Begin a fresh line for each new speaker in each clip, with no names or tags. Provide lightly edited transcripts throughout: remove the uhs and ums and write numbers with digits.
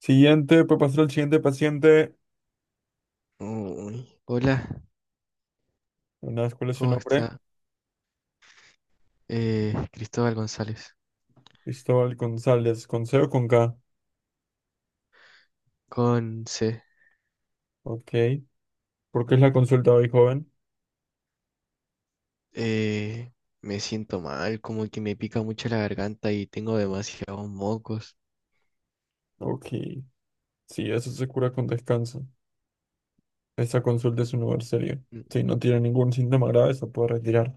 Siguiente, puede pasar al siguiente paciente.
Uy. Hola,
Una vez, ¿cuál es su
¿cómo
nombre?
está? Cristóbal González,
Cristóbal González, con C o con K.
con C.
Ok. ¿Por qué es la consulta hoy, joven?
Eh, me siento mal, como que me pica mucho la garganta y tengo demasiados mocos.
Ok. Sí, eso se cura con descanso. Esta consulta es un lugar serio.
Mm.
Si no tiene ningún síntoma grave, se puede retirar.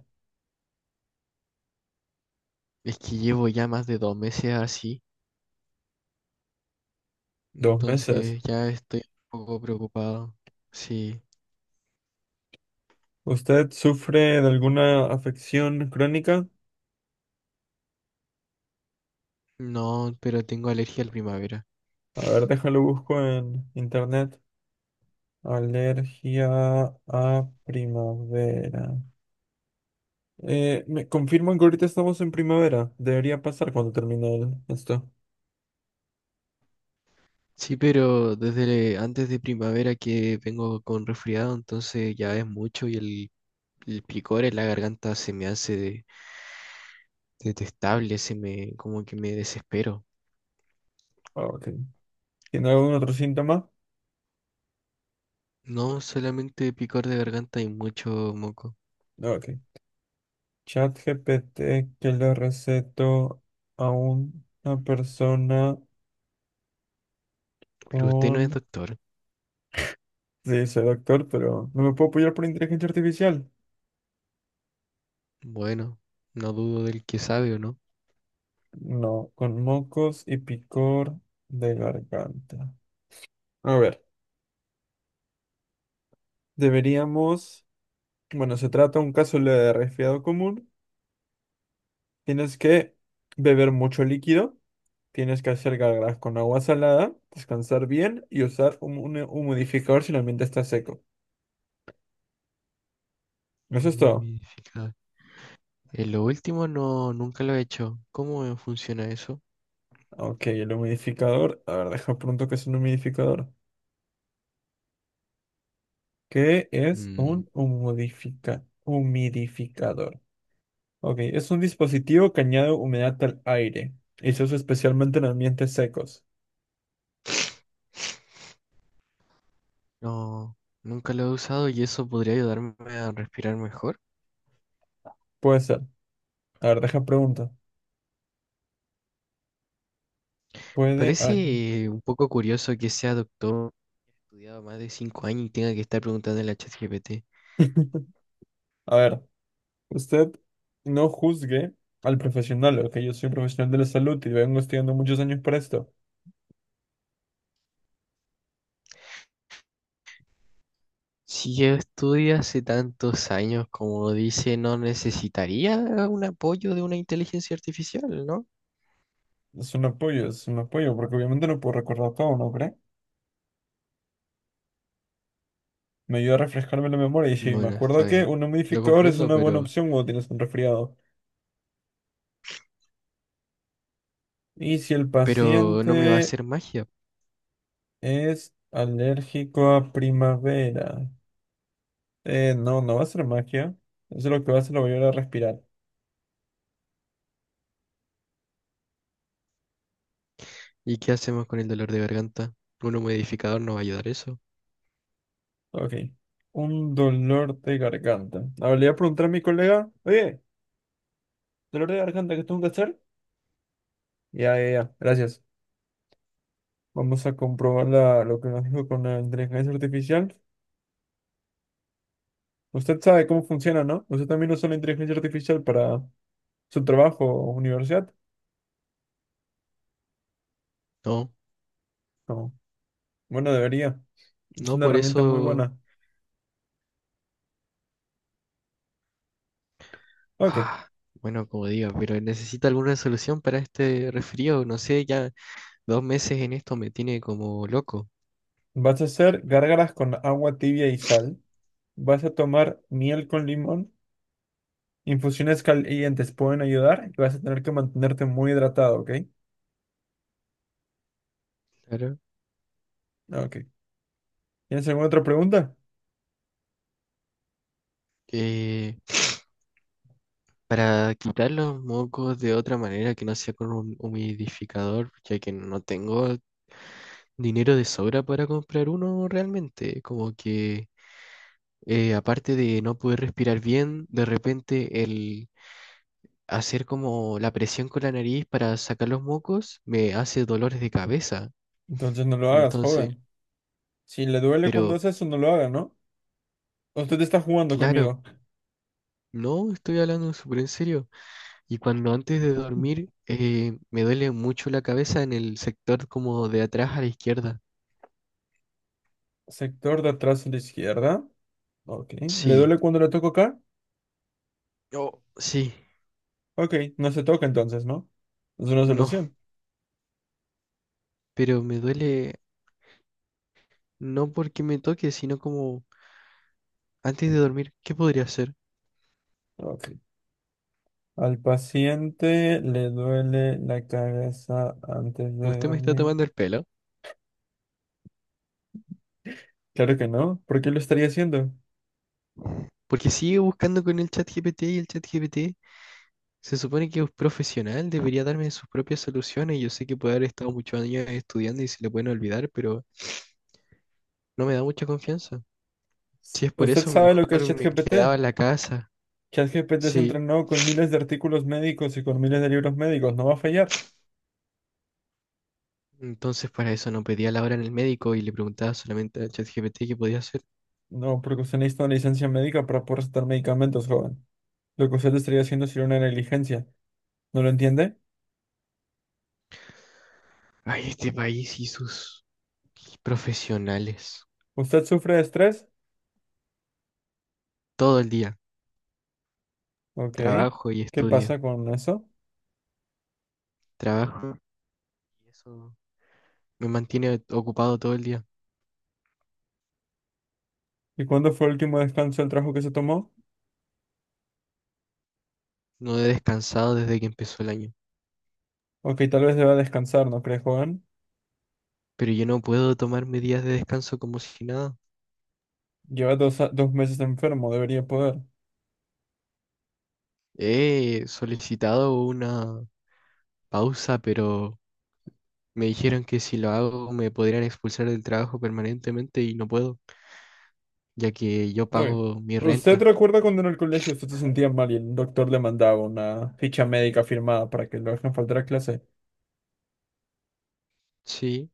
Es que llevo ya más de 2 meses así,
Dos meses.
entonces ya estoy un poco preocupado. Sí,
¿Usted sufre de alguna afección crónica?
no, pero tengo alergia a la primavera.
A ver, déjalo busco en internet. Alergia a primavera. Me confirman que ahorita estamos en primavera. Debería pasar cuando termine esto.
Sí, pero desde antes de primavera que vengo con resfriado, entonces ya es mucho y el picor en la garganta se me hace detestable, como que me desespero.
Ah, Ok. ¿Tiene algún otro síntoma?
No, solamente picor de garganta y mucho moco.
Ah, Ok. Chat GPT que le receto a una persona
Pero usted no es
con...
doctor.
Sí, soy doctor, pero no me puedo apoyar por inteligencia artificial.
Bueno, no dudo del que sabe o no.
No, con mocos y picor de garganta. A ver, deberíamos... Bueno, se trata de un caso de resfriado común. Tienes que beber mucho líquido. Tienes que hacer gárgaras con agua salada, descansar bien y usar un humidificador si el ambiente está seco. Eso
Un
es todo.
humidificador. Lo último no, nunca lo he hecho. ¿Cómo funciona eso?
Ok, el humidificador. A ver, deja pronto que es un humidificador. ¿Qué es
Mm.
un humidificador? Ok, es un dispositivo que añade humedad al aire y se usa especialmente en ambientes secos.
No, nunca lo he usado y eso podría ayudarme a respirar mejor.
Puede ser. A ver, deja pregunta. Puede.
Parece un poco curioso que sea doctor, estudiado más de 5 años y tenga que estar preguntando a la ChatGPT.
A ver. Usted no juzgue al profesional, ok, yo soy un profesional de la salud y vengo estudiando muchos años para esto.
Si yo estudio hace tantos años, como dice, no necesitaría un apoyo de una inteligencia artificial, ¿no?
Es un apoyo, porque obviamente no puedo recordar todo, ¿no cree? Me ayuda a refrescarme la memoria y si me
Bueno,
acuerdo
está
que
bien.
un
Lo
humidificador es
comprendo,
una buena
pero,
opción cuando tienes un resfriado. Y si el
pero no me va a
paciente
hacer magia.
es alérgico a primavera. No, no va a ser magia. Eso lo que va a hacer, lo voy a ayudar a respirar.
¿Y qué hacemos con el dolor de garganta? ¿Un humidificador no va a ayudar eso?
Ok. Un dolor de garganta. Ahora le voy a preguntar a mi colega, oye. Dolor de garganta que tengo que hacer. Ya, ya, ya. Gracias. Vamos a comprobar la- lo que nos dijo con la inteligencia artificial. Usted sabe cómo funciona, ¿no? Usted también usa la inteligencia artificial para su trabajo o universidad.
No,
No. Bueno, debería. Es
no,
una
por
herramienta muy
eso.
buena. Ok.
Ah, bueno, como digo, pero necesita alguna solución para este resfrío. No sé, ya 2 meses en esto me tiene como loco.
Vas a hacer gárgaras con agua tibia y sal. Vas a tomar miel con limón. Infusiones calientes pueden ayudar y vas a tener que mantenerte muy hidratado, ¿ok?
Claro.
Ok. ¿Tienes alguna otra pregunta?
Eh, Para quitar los mocos de otra manera que no sea con un humidificador, ya que no tengo dinero de sobra para comprar uno realmente. Como que aparte de no poder respirar bien, de repente el hacer como la presión con la nariz para sacar los mocos me hace dolores de cabeza.
Entonces no lo hagas,
Entonces,
joven. Si le duele cuando
pero
hace eso, no lo haga, ¿no? Usted está jugando
claro,
conmigo.
no estoy hablando súper en serio. Y cuando antes de dormir me duele mucho la cabeza en el sector como de atrás a la izquierda.
Sector de atrás a la izquierda. Ok. ¿Le
Sí.
duele cuando le toco acá?
Yo, sí,
Ok. No se toca entonces, ¿no? Es una
no,
solución.
pero me duele no porque me toque, sino como antes de dormir, ¿qué podría hacer?
Ok. Al paciente le duele la cabeza antes de
Usted me está
dormir.
tomando el pelo,
Claro que no. ¿Por qué lo estaría haciendo?
porque sigue buscando con el chat GPT y el chat GPT se supone que es profesional, debería darme sus propias soluciones. Yo sé que puede haber estado muchos años estudiando y se le pueden olvidar, pero no me da mucha confianza. Si es por
¿Usted
eso,
sabe lo que es
mejor me
ChatGPT?
quedaba en la casa.
ChatGPT se
Sí,
entrenó con miles de artículos médicos y con miles de libros médicos. No va a fallar.
entonces para eso no pedía la hora en el médico y le preguntaba solamente al chat GPT qué podía hacer.
No, porque usted necesita una licencia médica para poder recetar medicamentos, joven. Lo que usted estaría haciendo sería una negligencia. ¿No lo entiende?
Ay, este país y sus. Qué profesionales.
¿Usted sufre de estrés?
Todo el día.
Ok.
Trabajo y
¿Qué
estudio.
pasa con eso?
Trabajo y eso me mantiene ocupado todo el día.
¿Y cuándo fue el último descanso del trabajo que se tomó?
No he descansado desde que empezó el año.
Ok, tal vez deba descansar, ¿no cree, joven?
Pero yo no puedo tomarme días de descanso como si nada.
Lleva dos meses enfermo, debería poder.
He solicitado una pausa, pero me dijeron que si lo hago me podrían expulsar del trabajo permanentemente y no puedo, ya que yo
Ok.
pago mi
¿Usted
renta.
recuerda cuando en el colegio usted se sentía mal y el doctor le mandaba una ficha médica firmada para que lo dejen faltar a clase?
Sí.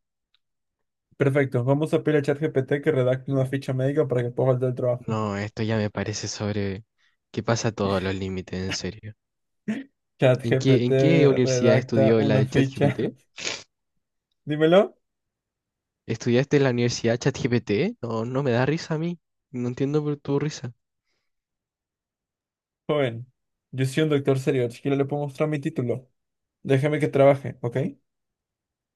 Perfecto, vamos a pedir a ChatGPT que redacte una ficha médica para que pueda faltar al trabajo.
No, esto ya me parece sobre que pasa todos los límites, en serio. ¿En qué,
ChatGPT
en qué universidad
redacta
estudió la
una
del
ficha.
ChatGPT?
Dímelo.
¿Estudiaste en la universidad ChatGPT? No, no me da risa a mí. No entiendo por tu risa.
Joven, yo soy un doctor serio, siquiera le puedo mostrar mi título. Déjame que trabaje, ¿ok?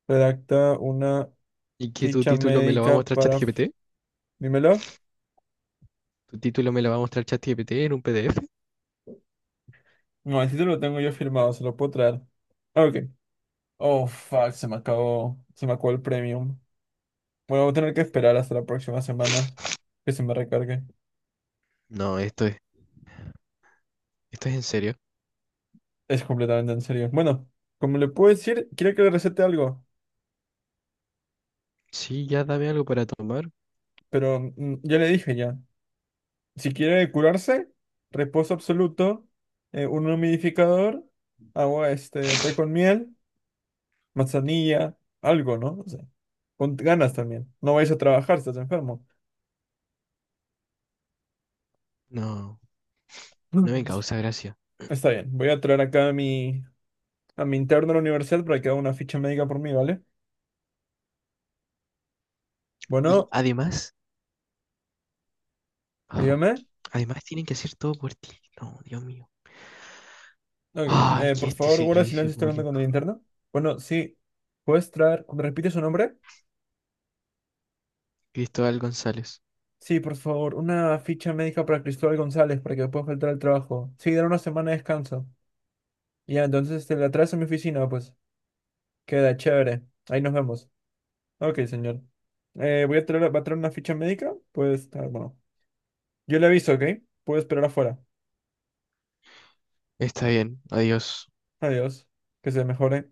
Redacta una
¿Y que tu
ficha
título me lo va a
médica
mostrar
para...
ChatGPT?
Dímelo.
¿Tu título me lo va a mostrar ChatGPT en un PDF?
No, el título lo tengo yo firmado, se lo puedo traer. Ah, Ok. Oh, fuck, se me acabó el premium. Bueno, voy a tener que esperar hasta la próxima semana que se me recargue.
No, esto es en serio.
Es completamente en serio. Bueno, como le puedo decir, quiere que le recete algo,
Sí, ya dame algo para tomar.
pero ya le dije ya. Si quiere curarse, reposo absoluto, un humidificador, agua, este, té con miel, manzanilla, algo, ¿no? O sea, con ganas también. No vayas a trabajar, estás enfermo.
No, no me causa gracia.
Está bien, voy a traer acá a mi interno de la universidad para que haga una ficha médica por mí, ¿vale?
Y
Bueno,
ah,
dígame.
además tienen que hacer todo por ti. No, Dios mío.
Ok,
Ay, que
por
este
favor, guarda silencio,
servicio
estoy hablando con
público.
el interno. Bueno, sí, ¿puedes traer, me repite su nombre?
Cristóbal González.
Sí, por favor, una ficha médica para Cristóbal González para que pueda faltar al trabajo. Sí, dar una semana de descanso. Ya, entonces te la traes a mi oficina, pues. Queda chévere. Ahí nos vemos. Ok, señor. Voy a traer, va a traer una ficha médica. Pues, ah, bueno. Yo le aviso, ¿ok? Puedo esperar afuera.
Está bien, adiós.
Adiós. Que se mejore.